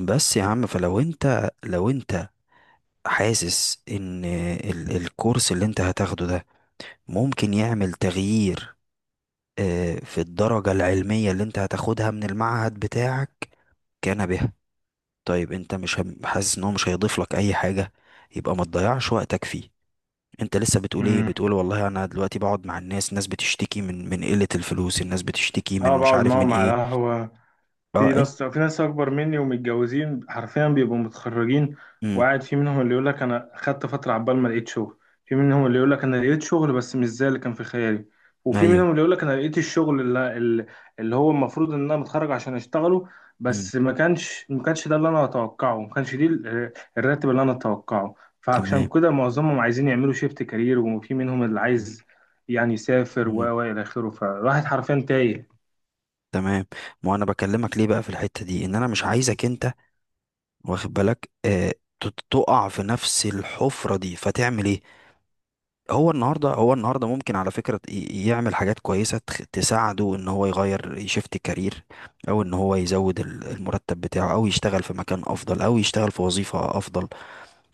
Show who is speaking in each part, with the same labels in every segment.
Speaker 1: بس يا عم فلو انت حاسس ان الكورس اللي انت هتاخده ده ممكن يعمل تغيير، في الدرجة العلمية اللي انت هتاخدها من المعهد بتاعك كان بها. طيب انت مش حاسس ان هو مش هيضيف لك اي حاجة، يبقى ما تضيعش وقتك فيه. انت لسه بتقول ايه؟
Speaker 2: امم
Speaker 1: بتقول والله انا دلوقتي بقعد مع الناس، الناس بتشتكي من قلة الفلوس، الناس بتشتكي
Speaker 2: اه،
Speaker 1: من مش
Speaker 2: بقعد
Speaker 1: عارف من
Speaker 2: معاهم على
Speaker 1: ايه.
Speaker 2: قهوة.
Speaker 1: اه
Speaker 2: في
Speaker 1: انت.
Speaker 2: ناس في ناس اكبر مني ومتجوزين، حرفيا بيبقوا متخرجين.
Speaker 1: امم.
Speaker 2: وقاعد في منهم اللي يقول لك انا خدت فترة عبال ما لقيت شغل. في منهم اللي يقول لك انا لقيت شغل بس مش زي اللي كان في خيالي. وفي
Speaker 1: ايوه.
Speaker 2: منهم اللي يقول لك انا لقيت الشغل اللي هو المفروض ان انا متخرج عشان اشتغله.
Speaker 1: امم.
Speaker 2: بس ما كانش ده اللي انا اتوقعه، ما كانش دي ال- الراتب اللي انا اتوقعه.
Speaker 1: تمام.
Speaker 2: فعشان كده معظمهم عايزين يعملوا شيفت كارير، وفي منهم اللي عايز يعني يسافر و الى اخره. فالواحد حرفيا تايه.
Speaker 1: تمام. ما انا بكلمك ليه بقى في الحتة دي؟ ان انا مش عايزك انت، واخد بالك؟ آه، تقع في نفس الحفرة دي، فتعمل ايه؟ هو النهاردة، هو النهاردة ممكن على فكرة يعمل حاجات كويسة تساعده ان هو يغير، يشفت كارير، او ان هو يزود المرتب بتاعه او يشتغل في مكان افضل او يشتغل في وظيفة افضل،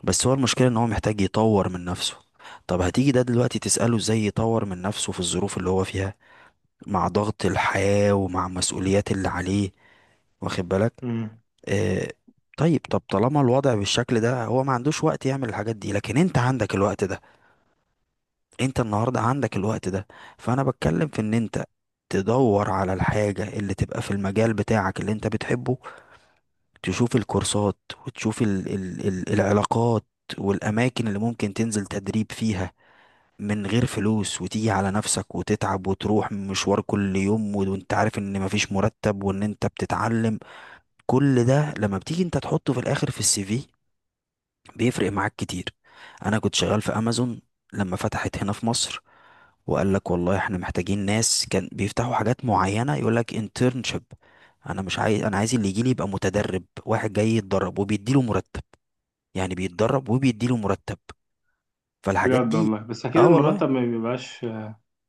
Speaker 1: بس هو المشكلة ان هو محتاج يطور من نفسه. طب هتيجي ده دلوقتي تسأله ازاي يطور من نفسه في الظروف اللي هو فيها، مع ضغط الحياة ومع المسؤوليات اللي عليه؟ واخد بالك؟
Speaker 2: مم.
Speaker 1: آه. طيب طالما الوضع بالشكل ده، هو ما عندوش وقت يعمل الحاجات دي، لكن انت عندك الوقت ده، انت النهارده عندك الوقت ده. فانا بتكلم في ان انت تدور على الحاجة اللي تبقى في المجال بتاعك اللي انت بتحبه، تشوف الكورسات، وتشوف ال العلاقات والأماكن اللي ممكن تنزل تدريب فيها من غير فلوس، وتيجي على نفسك وتتعب وتروح مشوار كل يوم، وانت عارف ان مفيش مرتب وان انت بتتعلم. كل ده لما بتيجي انت تحطه في الاخر في السي في بيفرق معاك كتير. انا كنت شغال في امازون لما فتحت هنا في مصر، وقال لك والله احنا محتاجين ناس. كان بيفتحوا حاجات معينة يقول لك internship. انا مش عايز، انا عايز اللي يجي لي يبقى متدرب، واحد جاي يتدرب وبيديله مرتب، يعني بيتدرب وبيديله مرتب. فالحاجات
Speaker 2: بجد
Speaker 1: دي.
Speaker 2: والله، بس اكيد
Speaker 1: اه والله،
Speaker 2: المرتب ما بيبقاش.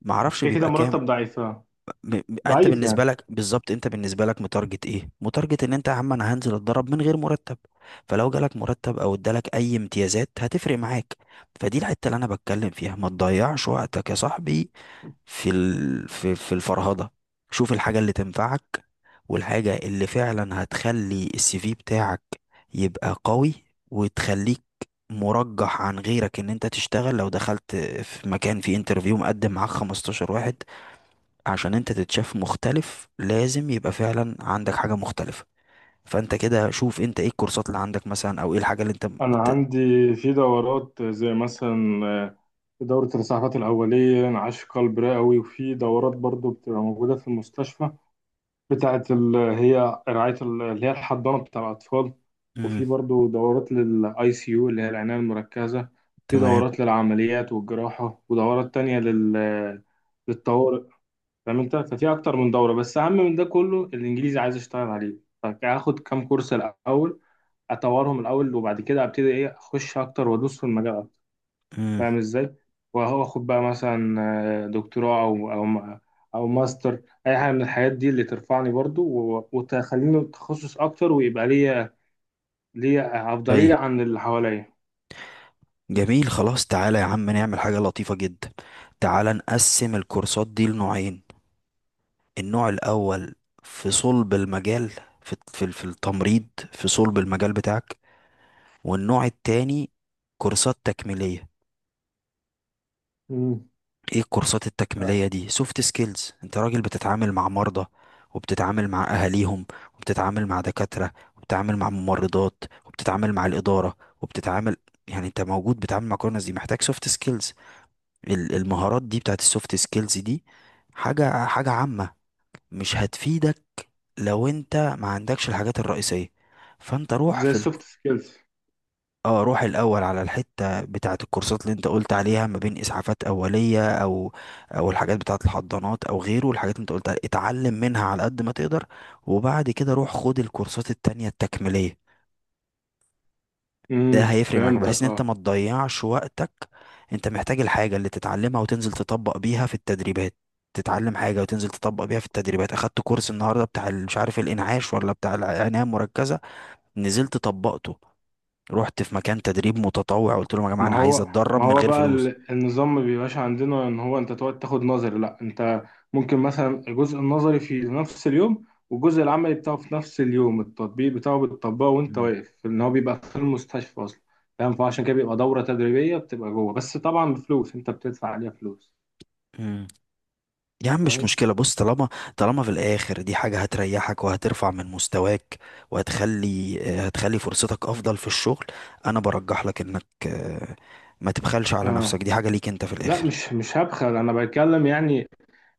Speaker 1: ما اعرفش
Speaker 2: كده كده
Speaker 1: بيبقى كام.
Speaker 2: مرتب ضعيف آه.
Speaker 1: انت
Speaker 2: ضعيف
Speaker 1: بالنسبه
Speaker 2: يعني.
Speaker 1: لك بالظبط، انت بالنسبه لك متارجت ايه؟ متارجت ان انت يا عم انا هنزل اتدرب من غير مرتب، فلو جالك مرتب او ادالك اي امتيازات هتفرق معاك. فدي الحته اللي انا بتكلم فيها، ما تضيعش وقتك يا صاحبي في ال... في في الفرهده، شوف الحاجه اللي تنفعك، والحاجه اللي فعلا هتخلي السي في بتاعك يبقى قوي، وتخليك مرجح عن غيرك ان انت تشتغل. لو دخلت في مكان فيه انترفيو مقدم معاك 15 واحد، عشان انت تتشاف مختلف لازم يبقى فعلا عندك حاجة مختلفة. فانت كده شوف انت ايه الكورسات اللي عندك مثلا، او ايه الحاجة اللي انت
Speaker 2: انا
Speaker 1: بت...
Speaker 2: عندي في دورات زي مثلا دورة الإسعافات الأولية، انعاش قلب رئوي. وفي دورات برضو بتبقى موجودة في المستشفى، بتاعة هي رعاية اللي هي الحضانة بتاع الأطفال. وفي
Speaker 1: مم.
Speaker 2: برضو دورات للآي سي يو اللي هي العناية المركزة. في
Speaker 1: تمام.
Speaker 2: دورات للعمليات والجراحة، ودورات تانية لل آه، للطوارئ. فعملتها، ففي اكتر من دوره. بس اهم من ده كله الانجليزي، عايز اشتغل عليه. فهاخد كام كورس الاول، اطورهم الاول، وبعد كده ابتدي ايه اخش اكتر وادوس في المجال اكتر.
Speaker 1: مم.
Speaker 2: فاهم ازاي. واخد بقى مثلا دكتوراه او ماستر، اي حاجه من الحاجات دي اللي ترفعني برضو وتخليني تخصص اكتر، ويبقى ليا
Speaker 1: اي.
Speaker 2: افضليه عن اللي حواليا.
Speaker 1: جميل، خلاص، تعالى يا عم نعمل حاجة لطيفة جدا. تعالى نقسم الكورسات دي لنوعين. النوع الاول في صلب المجال، في التمريض، في صلب المجال بتاعك. والنوع التاني كورسات تكميلية.
Speaker 2: مم.
Speaker 1: ايه الكورسات التكميلية دي؟ سوفت سكيلز. انت راجل بتتعامل مع مرضى، وبتتعامل مع اهاليهم، وبتتعامل مع دكاترة، وبتتعامل مع ممرضات، وبتتعامل مع الإدارة، وبتتعامل، يعني انت موجود بتتعامل مع كل الناس دي، محتاج سوفت سكيلز. المهارات دي بتاعت السوفت سكيلز دي حاجة عامة، مش هتفيدك لو انت ما عندكش الحاجات الرئيسية. فانت روح
Speaker 2: زي
Speaker 1: في،
Speaker 2: السوفت سكيلز.
Speaker 1: اه روح الاول على الحته بتاعه الكورسات اللي انت قلت عليها، ما بين اسعافات اوليه او او الحاجات بتاعه الحضانات او غيره الحاجات اللي انت قلت عليها، اتعلم منها على قد ما تقدر. وبعد كده روح خد الكورسات التانية التكميليه. ده هيفرق معاك بحيث
Speaker 2: فهمتك
Speaker 1: ان انت ما
Speaker 2: اه.
Speaker 1: تضيعش وقتك. انت محتاج الحاجه اللي تتعلمها وتنزل تطبق بيها في التدريبات، تتعلم حاجه وتنزل تطبق بيها في التدريبات. اخدت كورس النهارده بتاع مش عارف الانعاش ولا بتاع العنايه المركزه، نزلت طبقته، رحت في مكان تدريب متطوع قلت لهم يا جماعه
Speaker 2: ما
Speaker 1: انا عايز
Speaker 2: هو ما
Speaker 1: اتدرب من
Speaker 2: هو
Speaker 1: غير
Speaker 2: بقى
Speaker 1: فلوس.
Speaker 2: النظام ما بيبقاش عندنا ان هو انت تقعد تاخد نظري. لا، انت ممكن مثلا الجزء النظري في نفس اليوم، والجزء العملي بتاعه في نفس اليوم، التطبيق بتاعه بتطبقه وانت
Speaker 1: مم.
Speaker 2: واقف ان هو بيبقى في المستشفى اصلا. فاهم. فعشان كده بيبقى دورة تدريبية بتبقى جوه، بس طبعا بفلوس، انت بتدفع عليها فلوس.
Speaker 1: مم. يا عم مش
Speaker 2: فاهم.
Speaker 1: مشكلة، بص، طالما، طالما في الآخر دي حاجة هتريحك وهترفع من مستواك وهتخلي هتخلي فرصتك أفضل في الشغل، أنا برجح لك إنك ما تبخلش على نفسك،
Speaker 2: اه،
Speaker 1: دي حاجة ليك أنت في
Speaker 2: لا،
Speaker 1: الآخر.
Speaker 2: مش هبخل، انا بتكلم يعني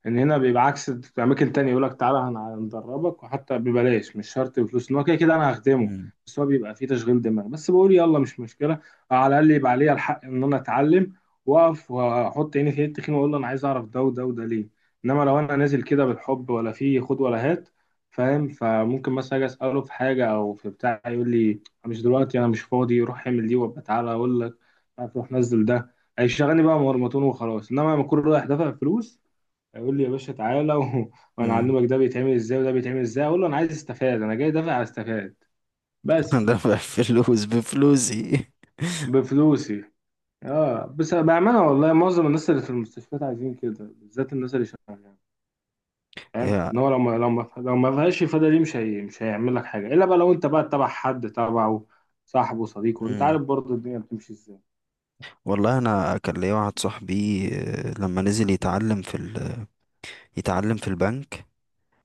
Speaker 2: ان هنا بيبقى عكس. في اماكن تانية يقول لك تعالى هندربك، وحتى ببلاش، مش شرط بفلوس، ان هو كده كده انا هخدمه.
Speaker 1: مم.
Speaker 2: بس هو بيبقى فيه تشغيل دماغ. بس بقول يلا مش مشكله، على الاقل يبقى عليا الحق ان انا اتعلم، واقف واحط عيني في التخين، واقول له انا عايز اعرف ده وده وده ليه. انما لو انا نازل كده بالحب ولا فيه خد ولا هات، فاهم. فممكن مثلا اجي اساله في حاجه او في بتاع يقول لي مش دلوقتي، انا مش فاضي، روح اعمل دي وابقى تعالى اقول لك، روح نزل ده. هيشغلني بقى مرمطون وخلاص. انما لما اكون رايح دافع فلوس يقول لي يا باشا تعالى و... وانا
Speaker 1: مم.
Speaker 2: اعلمك ده بيتعمل ازاي وده بيتعمل ازاي، اقول له انا عايز استفاد، انا جاي دافع استفاد. بس
Speaker 1: أنا بفلوس، بفلوسي.
Speaker 2: بفلوسي. اه، بس بامانه والله معظم الناس اللي في المستشفيات عايزين كده، بالذات الناس اللي شغاله. فاهم
Speaker 1: يا.
Speaker 2: ان هو لو ما فيهاش افاده، دي مش هي... مش هيعمل لك حاجه، الا بقى لو انت بقى تبع حد، تبعه، صاحبه، صديقه. انت
Speaker 1: مم.
Speaker 2: عارف برضه الدنيا بتمشي ازاي.
Speaker 1: والله أنا كان ليا واحد صاحبي، لما نزل يتعلم في يتعلم في البنك،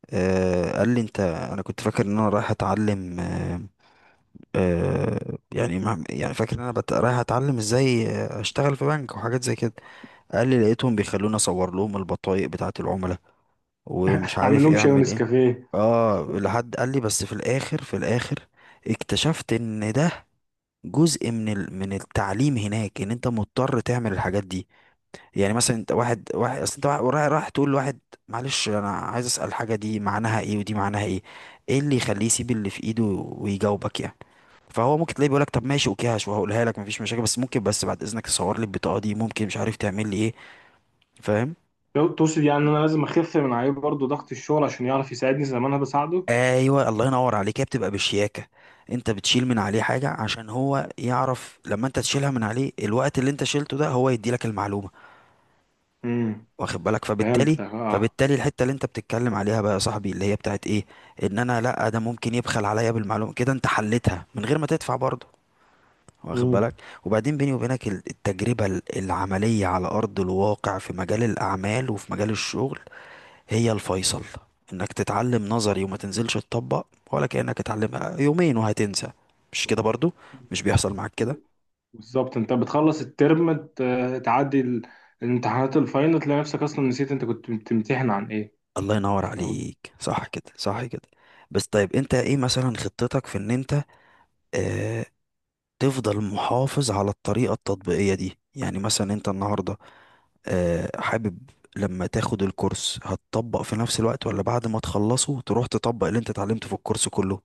Speaker 1: آه، قال لي انت، انا كنت فاكر ان انا رايح اتعلم، آه، آه، يعني يعني فاكر ان انا رايح اتعلم ازاي، اشتغل في بنك وحاجات زي كده. قال لي لقيتهم بيخلوني اصور لهم البطايق بتاعه العملاء، ومش
Speaker 2: اعمل
Speaker 1: عارف
Speaker 2: لهم
Speaker 1: ايه
Speaker 2: شاي
Speaker 1: اعمل ايه.
Speaker 2: ونسكافيه.
Speaker 1: اه، لحد قال لي، بس في الاخر، في الاخر اكتشفت ان ده جزء من من التعليم هناك، ان انت مضطر تعمل الحاجات دي. يعني مثلا انت واحد واحد، اصل انت رايح تقول لواحد معلش انا عايز اسال، الحاجه دي معناها ايه ودي معناها ايه، ايه اللي يخليه يسيب اللي في ايده ويجاوبك يعني؟ فهو ممكن تلاقيه بيقولك طب ماشي اوكي وهقولها لك مفيش مشاكل، بس ممكن، بس بعد اذنك تصور لي البطاقه دي، ممكن مش عارف تعمل لي ايه. فاهم؟
Speaker 2: لو تقصد يعني ان انا لازم اخف من عليه برضه ضغط الشغل عشان يعرف يساعدني زي ما انا بساعده.
Speaker 1: ايوه الله ينور عليك، هي بتبقى بشياكه. انت بتشيل من عليه حاجه عشان هو يعرف لما انت تشيلها من عليه، الوقت اللي انت شيلته ده هو يدي لك المعلومه،
Speaker 2: امم
Speaker 1: واخد بالك؟ فبالتالي،
Speaker 2: فهمتك اه.
Speaker 1: فبالتالي الحته اللي انت بتتكلم عليها بقى يا صاحبي اللي هي بتاعت ايه، ان انا لا ده ممكن يبخل عليا بالمعلومه، كده انت حلتها من غير ما تدفع برضه، واخد
Speaker 2: مم.
Speaker 1: بالك؟ وبعدين بيني وبينك التجربه العمليه على ارض الواقع في مجال الاعمال وفي مجال الشغل هي الفيصل. انك تتعلم نظري وما تنزلش تطبق، ولا كانك اتعلم يومين وهتنسى، مش كده برضه؟ مش بيحصل معاك كده؟
Speaker 2: بالظبط، انت بتخلص الترم، تعدي الامتحانات الفاينل، تلاقي نفسك اصلا نسيت انت كنت بتمتحن عن ايه.
Speaker 1: الله ينور عليك، صح كده، صح كده. بس طيب انت ايه مثلا خطتك في ان انت آه، تفضل محافظ على الطريقة التطبيقية دي؟ يعني مثلا انت النهاردة حابب لما تاخد الكورس هتطبق في نفس الوقت، ولا بعد ما تخلصه تروح تطبق اللي انت اتعلمته في الكورس كله؟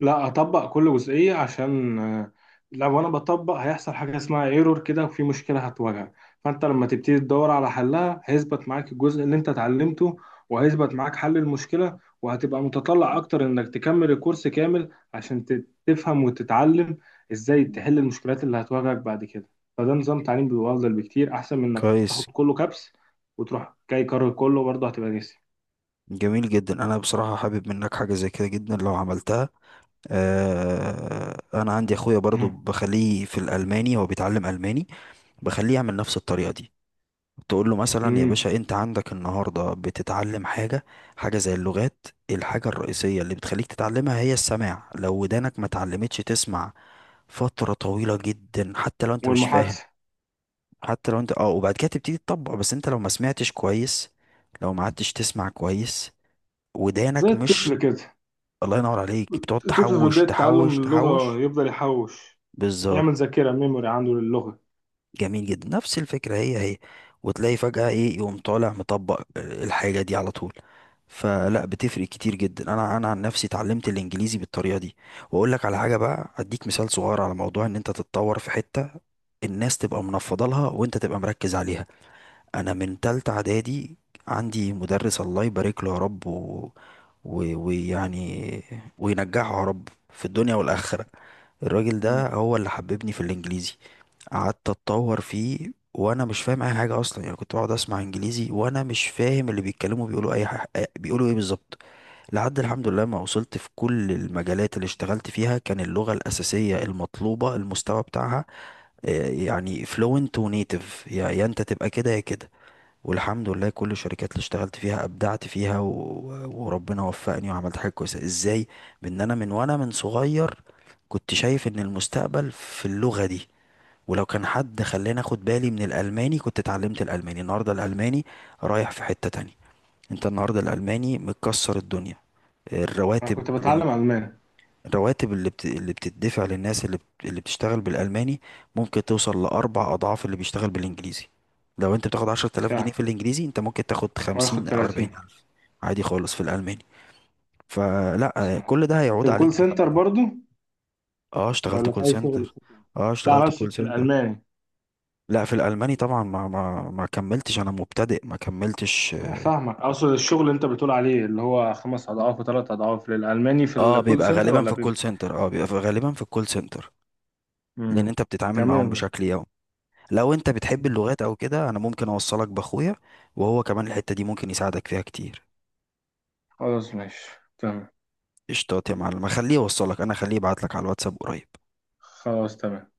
Speaker 2: لا، اطبق كل جزئيه عشان لو انا بطبق هيحصل حاجه اسمها ايرور كده، وفي مشكله هتواجهك. فانت لما تبتدي تدور على حلها هيثبت معاك الجزء اللي انت اتعلمته، وهيثبت معاك حل المشكله، وهتبقى متطلع اكتر انك تكمل الكورس كامل عشان تفهم وتتعلم ازاي
Speaker 1: مم.
Speaker 2: تحل المشكلات اللي هتواجهك بعد كده. فده نظام تعليم بيبقى افضل بكتير، احسن من انك تاخد
Speaker 1: كويس.
Speaker 2: كله كبس وتروح جاي كرر كله برضه هتبقى ناسي.
Speaker 1: جميل جدا، انا بصراحة حابب منك حاجة زي كده جدا لو عملتها. انا عندي اخويا برضو، بخليه في الالماني، هو بيتعلم الماني، بخليه يعمل نفس الطريقة دي. تقول له مثلا يا
Speaker 2: أمم.
Speaker 1: باشا انت عندك النهارده بتتعلم حاجه، حاجه زي اللغات الحاجه الرئيسيه اللي بتخليك تتعلمها هي السماع. لو ودانك ما اتعلمتش تسمع فتره طويله جدا، حتى لو انت مش فاهم،
Speaker 2: والمحادثه.
Speaker 1: حتى لو انت اه، وبعد كده تبتدي تطبق. بس انت لو ما سمعتش كويس، لو ما عدتش تسمع كويس،
Speaker 2: زي
Speaker 1: ودانك مش،
Speaker 2: الطفل كده.
Speaker 1: الله ينور عليك، بتقعد
Speaker 2: الطفل في
Speaker 1: تحوش
Speaker 2: بداية تعلم
Speaker 1: تحوش
Speaker 2: اللغة
Speaker 1: تحوش.
Speaker 2: يفضل يحوش، يعمل
Speaker 1: بالظبط،
Speaker 2: ذاكرة ميموري عنده للغة.
Speaker 1: جميل جدا، نفس الفكرة هي هي. وتلاقي فجأة ايه؟ يقوم طالع مطبق، الحاجة دي على طول. فلا بتفرق كتير جدا، انا عن نفسي اتعلمت الانجليزي بالطريقة دي. واقول لك على حاجة بقى، اديك مثال صغير على موضوع ان انت تتطور في حتة الناس تبقى منفضة لها، وانت تبقى مركز عليها. انا من تالتة اعدادي عندي مدرس الله يبارك له يا رب، ويعني، وينجحه يا رب في الدنيا والآخرة. الراجل
Speaker 2: مم.
Speaker 1: ده هو اللي حببني في الانجليزي، قعدت اتطور فيه وانا مش فاهم اي حاجه اصلا. يعني كنت بقعد اسمع انجليزي وانا مش فاهم اللي بيتكلموا بيقولوا اي حاجة، بيقولوا ايه بالظبط، لحد الحمد لله ما وصلت. في كل المجالات اللي اشتغلت فيها كان اللغه الاساسيه المطلوبه، المستوى بتاعها يعني فلوينت ونيتف، يا انت تبقى كده يا كده. والحمد لله كل الشركات اللي اشتغلت فيها ابدعت فيها وربنا وفقني وعملت حاجه كويسه ازاي، بان انا من صغير كنت شايف ان المستقبل في اللغه دي. ولو كان حد خلاني اخد بالي من الالماني كنت اتعلمت الالماني. النهارده الالماني رايح في حتة تانية، انت النهارده الالماني مكسر الدنيا.
Speaker 2: أنا كنت
Speaker 1: الرواتب لن...
Speaker 2: بتعلم ألماني.
Speaker 1: الرواتب اللي بتدفع للناس اللي بتشتغل بالالماني ممكن توصل لاربع اضعاف اللي بيشتغل بالانجليزي. لو انت بتاخد 10,000 جنيه في
Speaker 2: ساعة
Speaker 1: الانجليزي انت ممكن تاخد
Speaker 2: وآخد
Speaker 1: 50 او اربعين
Speaker 2: 30
Speaker 1: الف عادي خالص في الالماني. فلا
Speaker 2: ساعة.
Speaker 1: كل ده
Speaker 2: في
Speaker 1: هيعود
Speaker 2: الكول
Speaker 1: عليك
Speaker 2: سنتر
Speaker 1: بفائدة.
Speaker 2: برضو،
Speaker 1: اه اشتغلت
Speaker 2: ولا في
Speaker 1: كول
Speaker 2: أي شغل
Speaker 1: سنتر.
Speaker 2: حكومي؟
Speaker 1: اه
Speaker 2: لا، أنا
Speaker 1: اشتغلت
Speaker 2: أقصد
Speaker 1: كول
Speaker 2: في
Speaker 1: سنتر.
Speaker 2: الألماني.
Speaker 1: لا في الالماني طبعا، ما كملتش، انا مبتدئ ما كملتش.
Speaker 2: أنا فاهمك، أقصد الشغل اللي أنت بتقول عليه اللي هو خمس أضعاف وثلاث أضعاف للألماني في
Speaker 1: اه
Speaker 2: الكول
Speaker 1: بيبقى
Speaker 2: سنتر،
Speaker 1: غالبا
Speaker 2: ولا
Speaker 1: في الكول
Speaker 2: بيبقى.
Speaker 1: سنتر، لان
Speaker 2: مم.
Speaker 1: انت بتتعامل معاهم
Speaker 2: تمام.
Speaker 1: بشكل يومي. لو انت بتحب اللغات او كده، انا ممكن اوصلك باخويا، وهو كمان الحتة دي ممكن يساعدك فيها كتير.
Speaker 2: خلاص ماشي. تمام.
Speaker 1: قشطات يا معلم، خليه يوصلك، انا خليه يبعت لك على الواتساب قريب.
Speaker 2: خلاص تمام.